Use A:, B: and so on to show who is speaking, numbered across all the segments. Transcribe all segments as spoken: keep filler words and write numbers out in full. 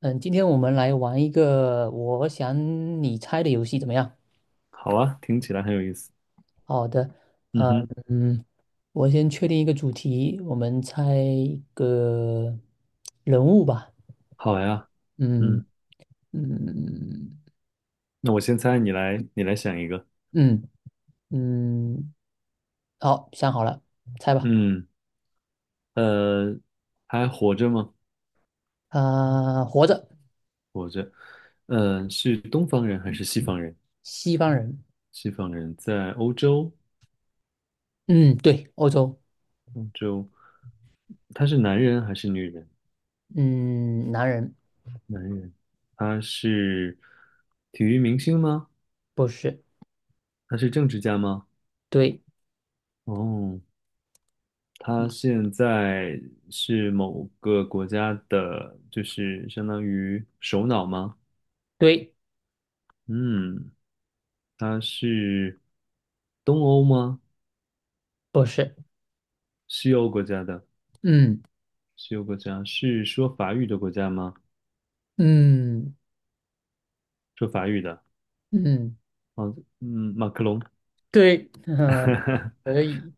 A: 嗯，今天我们来玩一个我想你猜的游戏，怎么样？
B: 好啊，听起来很有意思。
A: 好的，
B: 嗯
A: 呃
B: 哼，
A: 嗯，我先确定一个主题，我们猜一个人物吧。
B: 好呀。
A: 嗯
B: 嗯，
A: 嗯
B: 那我先猜，你来，你来想一个。
A: 嗯嗯，好，想好了，猜吧。
B: 嗯，呃，还活着吗？
A: 啊、活着，
B: 活着。呃，是东方人还是西方人？
A: 西方人。
B: 西方人在欧洲，
A: 嗯，对，欧洲。
B: 欧洲，他是男人还是女人？
A: 嗯，男人，
B: 男人。他是体育明星吗？
A: 不是。
B: 他是政治家吗？
A: 对
B: 哦，他现在是某个国家的，就是相当于首脑吗？
A: 对，
B: 嗯，他是东欧吗？
A: 不是。
B: 西欧国家的，
A: 嗯
B: 西欧国家是说法语的国家吗？
A: 嗯
B: 说法语的，
A: 嗯，
B: 哦，嗯，马克龙
A: 对，可 以。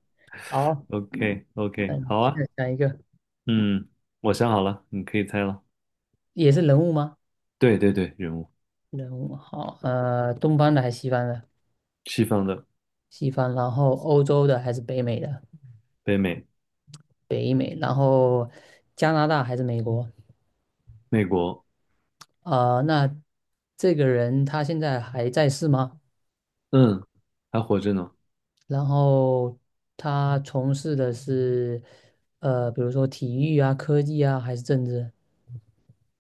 A: 好。
B: ，OK OK，
A: 嗯，
B: 好啊，
A: 再讲一个
B: 嗯，我想好了，你可以猜了。
A: 也是人物吗？
B: 对对对，人物，
A: 人物好，呃，东方的还是西方的？
B: 西方的，
A: 西方，然后欧洲的还是北美的？
B: 北美，
A: 北美，然后加拿大还是美国？
B: 美国，
A: 啊、那这个人他现在还在世吗？
B: 嗯，还活着呢。
A: 然后他从事的是呃，比如说体育啊、科技啊，还是政治？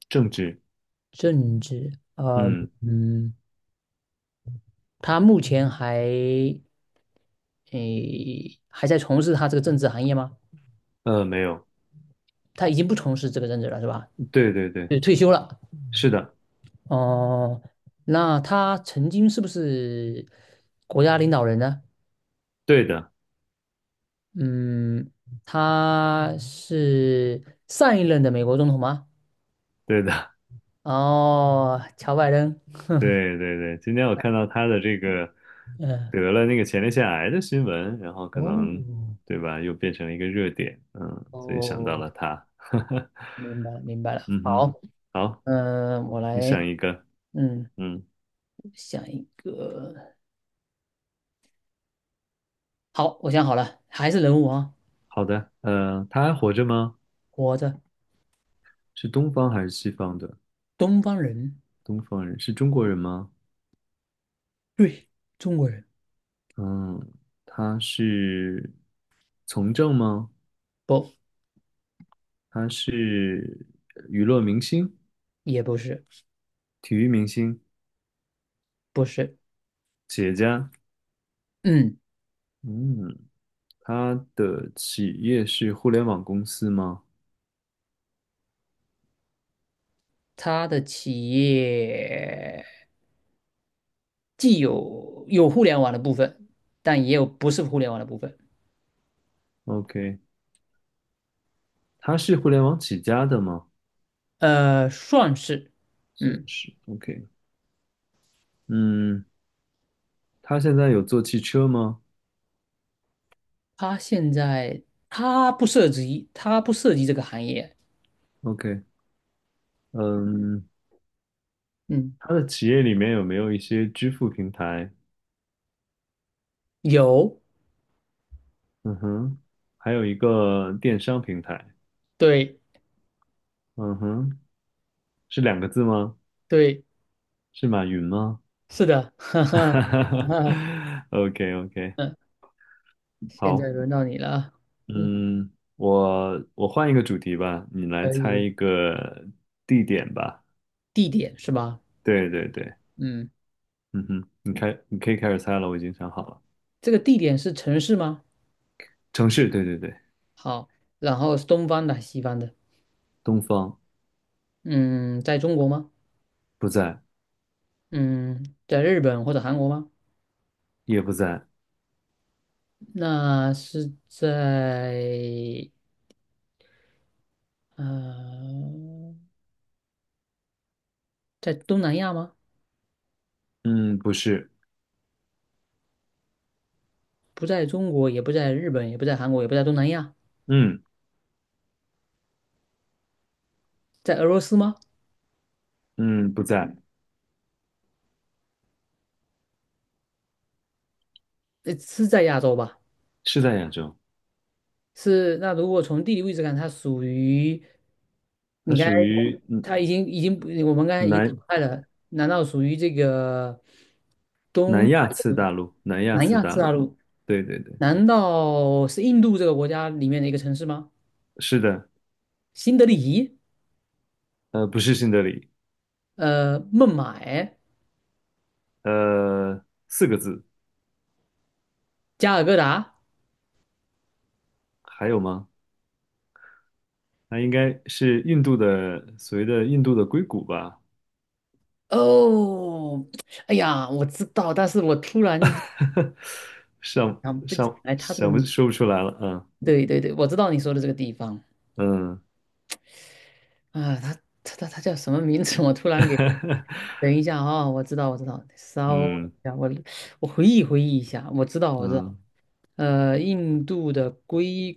B: 政治，
A: 政治，呃，
B: 嗯，
A: 嗯，他目前还诶还在从事他这个政治行业吗？
B: 呃，没有，
A: 他已经不从事这个任职了，是吧？
B: 对对对，
A: 就退休了。
B: 是的，
A: 哦、那他曾经是不是国家领导人呢？
B: 对的，
A: 嗯，他是上一任的美国总统吗？
B: 对的，
A: 哦，乔拜登。
B: 对对对，今天我看到他的这个
A: 嗯，
B: 得了那个前列腺癌的新闻，然后可能
A: 哦，
B: 对吧，又变成了一个热点，嗯，所以想到
A: 哦，
B: 了他，
A: 明白明白了。
B: 嗯哼，
A: 好，
B: 好，
A: 嗯，我
B: 你
A: 来，
B: 想一个，
A: 嗯，
B: 嗯，
A: 想一个。好，我想好了，还是人物啊，
B: 好的，呃，他还活着吗？
A: 活着，
B: 是东方还是西方的？
A: 东方人，
B: 东方人，是中国人吗？
A: 对，中国人，
B: 嗯，他是从政吗？
A: 不，
B: 他是娱乐明星、
A: 也不是。
B: 体育明星、
A: 不是，
B: 企业家？
A: 嗯，
B: 嗯，他的企业是互联网公司吗
A: 他的企业既有有互联网的部分，但也有不是互联网的部分，
B: ？OK，他是互联网起家的吗？
A: 呃，算是，
B: 算
A: 嗯，
B: 是 OK。嗯，他现在有做汽车吗
A: 他现在他不涉及，他不涉及这个行业，
B: ？OK，嗯，
A: 嗯，
B: 他的企业里面有没有一些支付平台？
A: 有，
B: 嗯哼，还有一个电商平台。
A: 对
B: 嗯哼，是两个字吗？
A: 对，
B: 是马云吗
A: 是的，哈哈，哈，
B: ？OK OK，
A: 嗯，现在
B: 好，
A: 轮到你了啊嗯，
B: 嗯，我我换一个主题吧，你来
A: 可
B: 猜
A: 以，
B: 一个地点吧。
A: 地点是吧？
B: 对对对，
A: 嗯，
B: 嗯哼，你开，你可以开始猜了，我已经想好了。
A: 这个地点是城市吗？
B: 城市，对对对，
A: 好，然后是东方的，西方的，
B: 东方
A: 嗯，在中国吗？
B: 不在，
A: 嗯，在日本或者韩国吗？
B: 也不在，
A: 那是在呃，在东南亚吗？
B: 嗯，不是，
A: 不在中国，也不在日本，也不在韩国，也不在东南亚，
B: 嗯
A: 在俄罗斯吗？
B: 嗯，不在，
A: 呃，是在亚洲吧？
B: 是在亚洲，
A: 是。那如果从地理位置看，它属于
B: 它
A: 你刚才
B: 属于嗯
A: 它已经已经不我们刚才
B: 南
A: 已经淘汰了，难道属于这个东
B: 南亚次大陆，南亚
A: 南
B: 次
A: 亚
B: 大
A: 次大
B: 陆，
A: 陆？
B: 对对对，
A: 难道是印度这个国家里面的一个城市吗？
B: 是的，
A: 新德里？
B: 呃，不是新德里，
A: 呃，孟买、
B: 呃，四个字，
A: 加尔各答。
B: 还有吗？那应该是印度的，所谓的印度的硅谷吧，
A: 哦，哎呀，我知道，但是我突然间
B: 上
A: 想不起
B: 上
A: 来他这个
B: 想不
A: 名。
B: 说不出来了，
A: 对对对，我知道你说的这个地方
B: 嗯
A: 啊，他他他他叫什么名字？我突然给，
B: 嗯。
A: 等一下啊、我知道我知道，稍等
B: 嗯
A: 一下，我我回忆回忆一下，我知道我知道，
B: 嗯，
A: 呃，印度的硅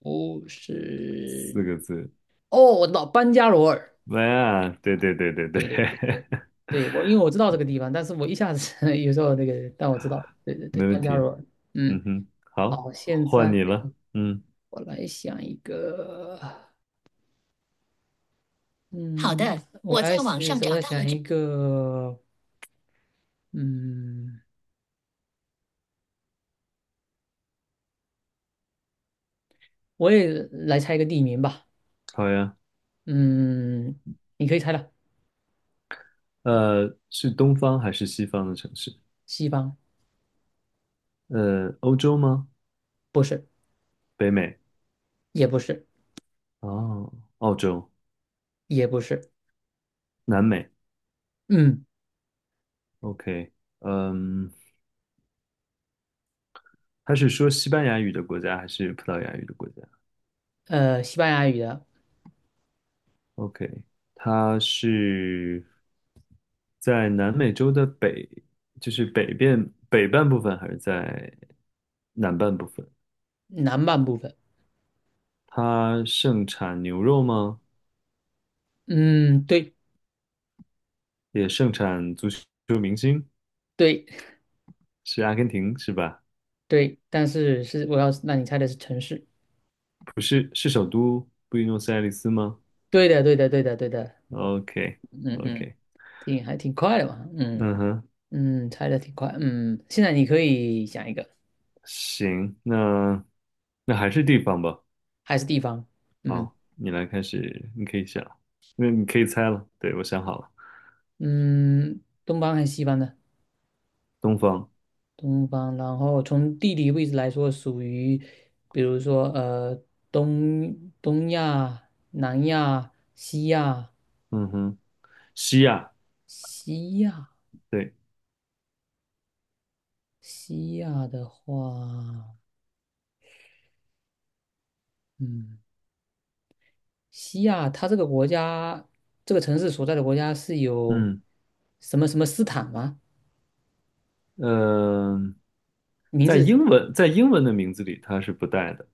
A: 谷是，
B: 四个字，
A: 哦，我知道班加罗尔。
B: 哎呀，对对对对对，
A: 对对对对，对我因为我知道这个地方，但是我一下子 有时候那个，但我知道，对对对，
B: 没问
A: 班加
B: 题。
A: 罗尔，
B: 嗯
A: 嗯，
B: 哼，好，
A: 好，现
B: 换
A: 在
B: 你了。嗯，
A: 我来想一个，好嗯的，我我在来网试上我找来到了想这一个，嗯，我也来猜一个地名吧，
B: 好呀。
A: 嗯，你可以猜了，
B: 呃，是东方还是西方的城市？
A: 西方
B: 呃，欧洲吗？
A: 不是，
B: 北美？
A: 也不是，
B: 哦，澳洲、
A: 也不是，
B: 南美。
A: 嗯，
B: OK，嗯，他是说西班牙语的国家还是葡萄牙语的国家？
A: 呃，西班牙语的
B: OK，它是在南美洲的北，就是北边北半部分，还是在南半部分？
A: 南半部分，
B: 它盛产牛肉吗？
A: 嗯，对
B: 也盛产足球明星，
A: 对
B: 是阿根廷是吧？
A: 对，但是是我要让你猜的是城市。
B: 不是，是首都布宜诺斯艾利斯吗
A: 对的，对的，对的，对的，
B: ？OK
A: 嗯嗯，
B: OK，
A: 挺还挺快的嘛，嗯
B: 嗯哼，
A: 嗯，猜的挺快，嗯，现在你可以想一个，
B: 行，那那还是地方吧。
A: 还是地方，嗯
B: 好，你来开始，你可以想，那你可以猜了。对，我想好了，
A: 嗯，东方还是西方的？
B: 东方。
A: 东方，然后从地理位置来说，属于，比如说呃，东东亚、南亚、西亚、
B: 嗯哼，西亚，
A: 西亚、
B: 对，
A: 西亚的话，嗯。西亚，它这个国家，这个城市所在的国家是有
B: 嗯，
A: 什么什么斯坦吗？
B: 呃，
A: 名
B: 在
A: 字，
B: 英文在英文的名字里它是不带的，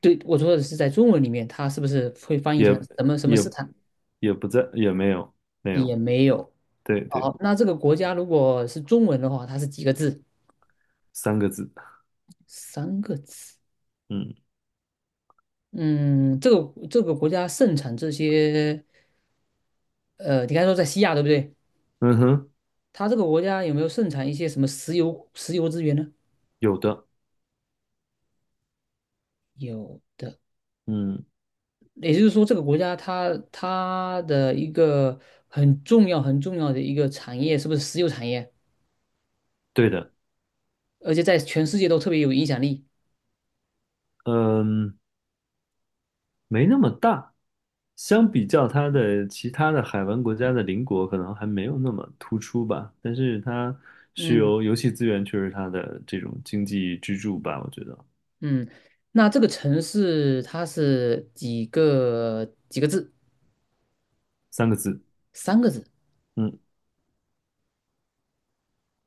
A: 对，我说的是在中文里面，它是不是会翻译
B: 也
A: 成什么什么
B: 也
A: 斯坦？
B: 也不在，也没有没
A: 也
B: 有，
A: 没有。
B: 对对，
A: 好，那这个国家如果是中文的话，它是几个字？
B: 三个字，
A: 三个字。
B: 嗯
A: 嗯，这个这个国家盛产这些，呃，你刚才说在西亚对不对？
B: 嗯哼，
A: 它这个国家有没有盛产一些什么石油石油资源呢？
B: 有的，
A: 有。
B: 嗯，
A: 也就是说，这个国家它它的一个很重要、很重要的一个产业，是不是石油产业？
B: 对的，
A: 而且在全世界都特别有影响力。
B: 嗯，没那么大，相比较它的其他的海湾国家的邻国，可能还没有那么突出吧，但是它石
A: 嗯
B: 油、游戏资源却是它的这种经济支柱吧，我觉得，
A: 嗯，那这个城市它是几个几个字？
B: 三个字。
A: 三个字。
B: 嗯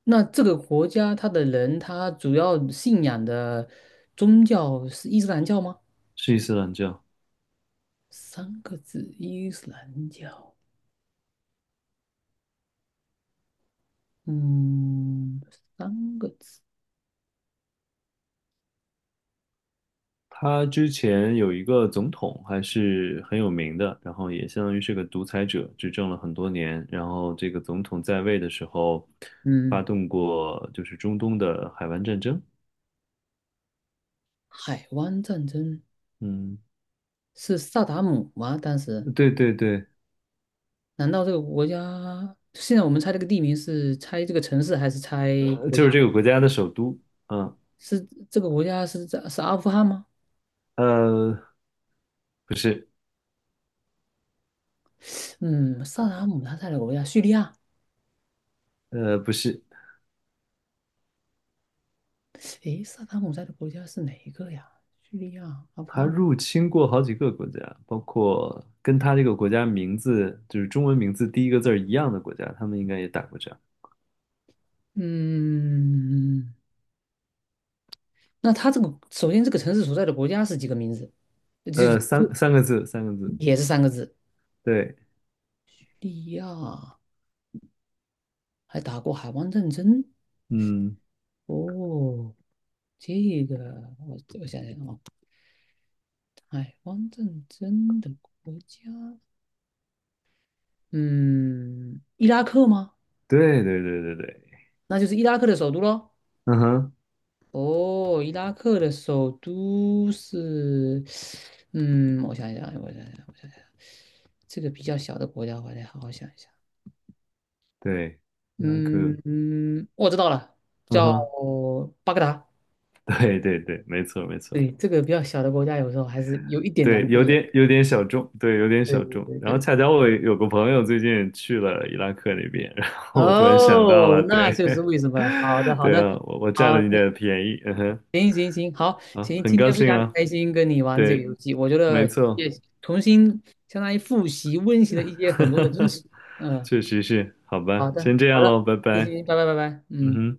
A: 那这个国家它的人，他主要信仰的宗教是伊斯兰教吗？
B: 是伊斯兰教。
A: 三个字，伊斯兰教。嗯，三个字。
B: 他之前有一个总统还是很有名的，然后也相当于是个独裁者，执政了很多年。然后这个总统在位的时候，发
A: 嗯，
B: 动过就是中东的海湾战争。
A: 海湾战争。
B: 嗯，
A: 是萨达姆吗？当时
B: 对对对，
A: 难道这个国家现在我们猜这个地名是猜这个城市还是猜
B: 呃
A: 国
B: 就
A: 家？
B: 是这个国家的首都。嗯，
A: 是这个国家是在是阿富汗吗？
B: 呃，不是，
A: 嗯，萨达姆他在的国家叙利亚。
B: 呃，不是，
A: 诶，萨达姆在的国家是哪一个呀？叙利亚、阿富
B: 他
A: 汗。
B: 入侵过好几个国家，包括跟他这个国家名字就是中文名字第一个字儿一样的国家，他们应该也打过仗。
A: 嗯，那他这个首先这个城市所在的国家是几个名字？就
B: 呃，三三个字，三个字。
A: 也是三个字。
B: 对，
A: 叙利亚还打过海湾战争
B: 嗯，
A: 哦，这个我我想想啊。海汪正真的国家，嗯，伊拉克吗？
B: 对对对对对，
A: 那就是伊拉克的首都喽。
B: 嗯哼，
A: 哦，伊拉克的首都是，嗯，我想一想，我想一想，我想一想，这个比较小的国家，我得好好想一想。
B: 对，伊拉克，
A: 嗯嗯，我知道了，
B: 嗯
A: 叫
B: 哼，
A: 巴格达。
B: 对对对，没错没错，
A: 对，这个比较小的国家，有时候还是有一点难
B: 对，有
A: 度的。
B: 点有点小众，对，有点
A: 对
B: 小
A: 对
B: 众。
A: 对
B: 然后
A: 对。
B: 恰巧我有个朋友最近去了伊拉克那边，然后我突然想到
A: 哦，
B: 了，
A: 那
B: 对，
A: 就是为什么了好 的，好
B: 对
A: 的，
B: 啊，我我占了
A: 好，
B: 你的便宜，嗯哼，
A: 行行行，好，
B: 啊，
A: 行，
B: 很
A: 今
B: 高
A: 天非
B: 兴
A: 常
B: 啊，
A: 开心跟你玩这个
B: 对，
A: 游戏，我觉
B: 没
A: 得
B: 错，
A: 也重新相当于复习温习了一些很多的知 识。嗯，
B: 确实是，好
A: 好
B: 吧，
A: 的，
B: 先这
A: 好
B: 样
A: 的，
B: 喽，拜
A: 行
B: 拜，
A: 行，拜拜拜拜，
B: 嗯
A: 嗯。
B: 哼。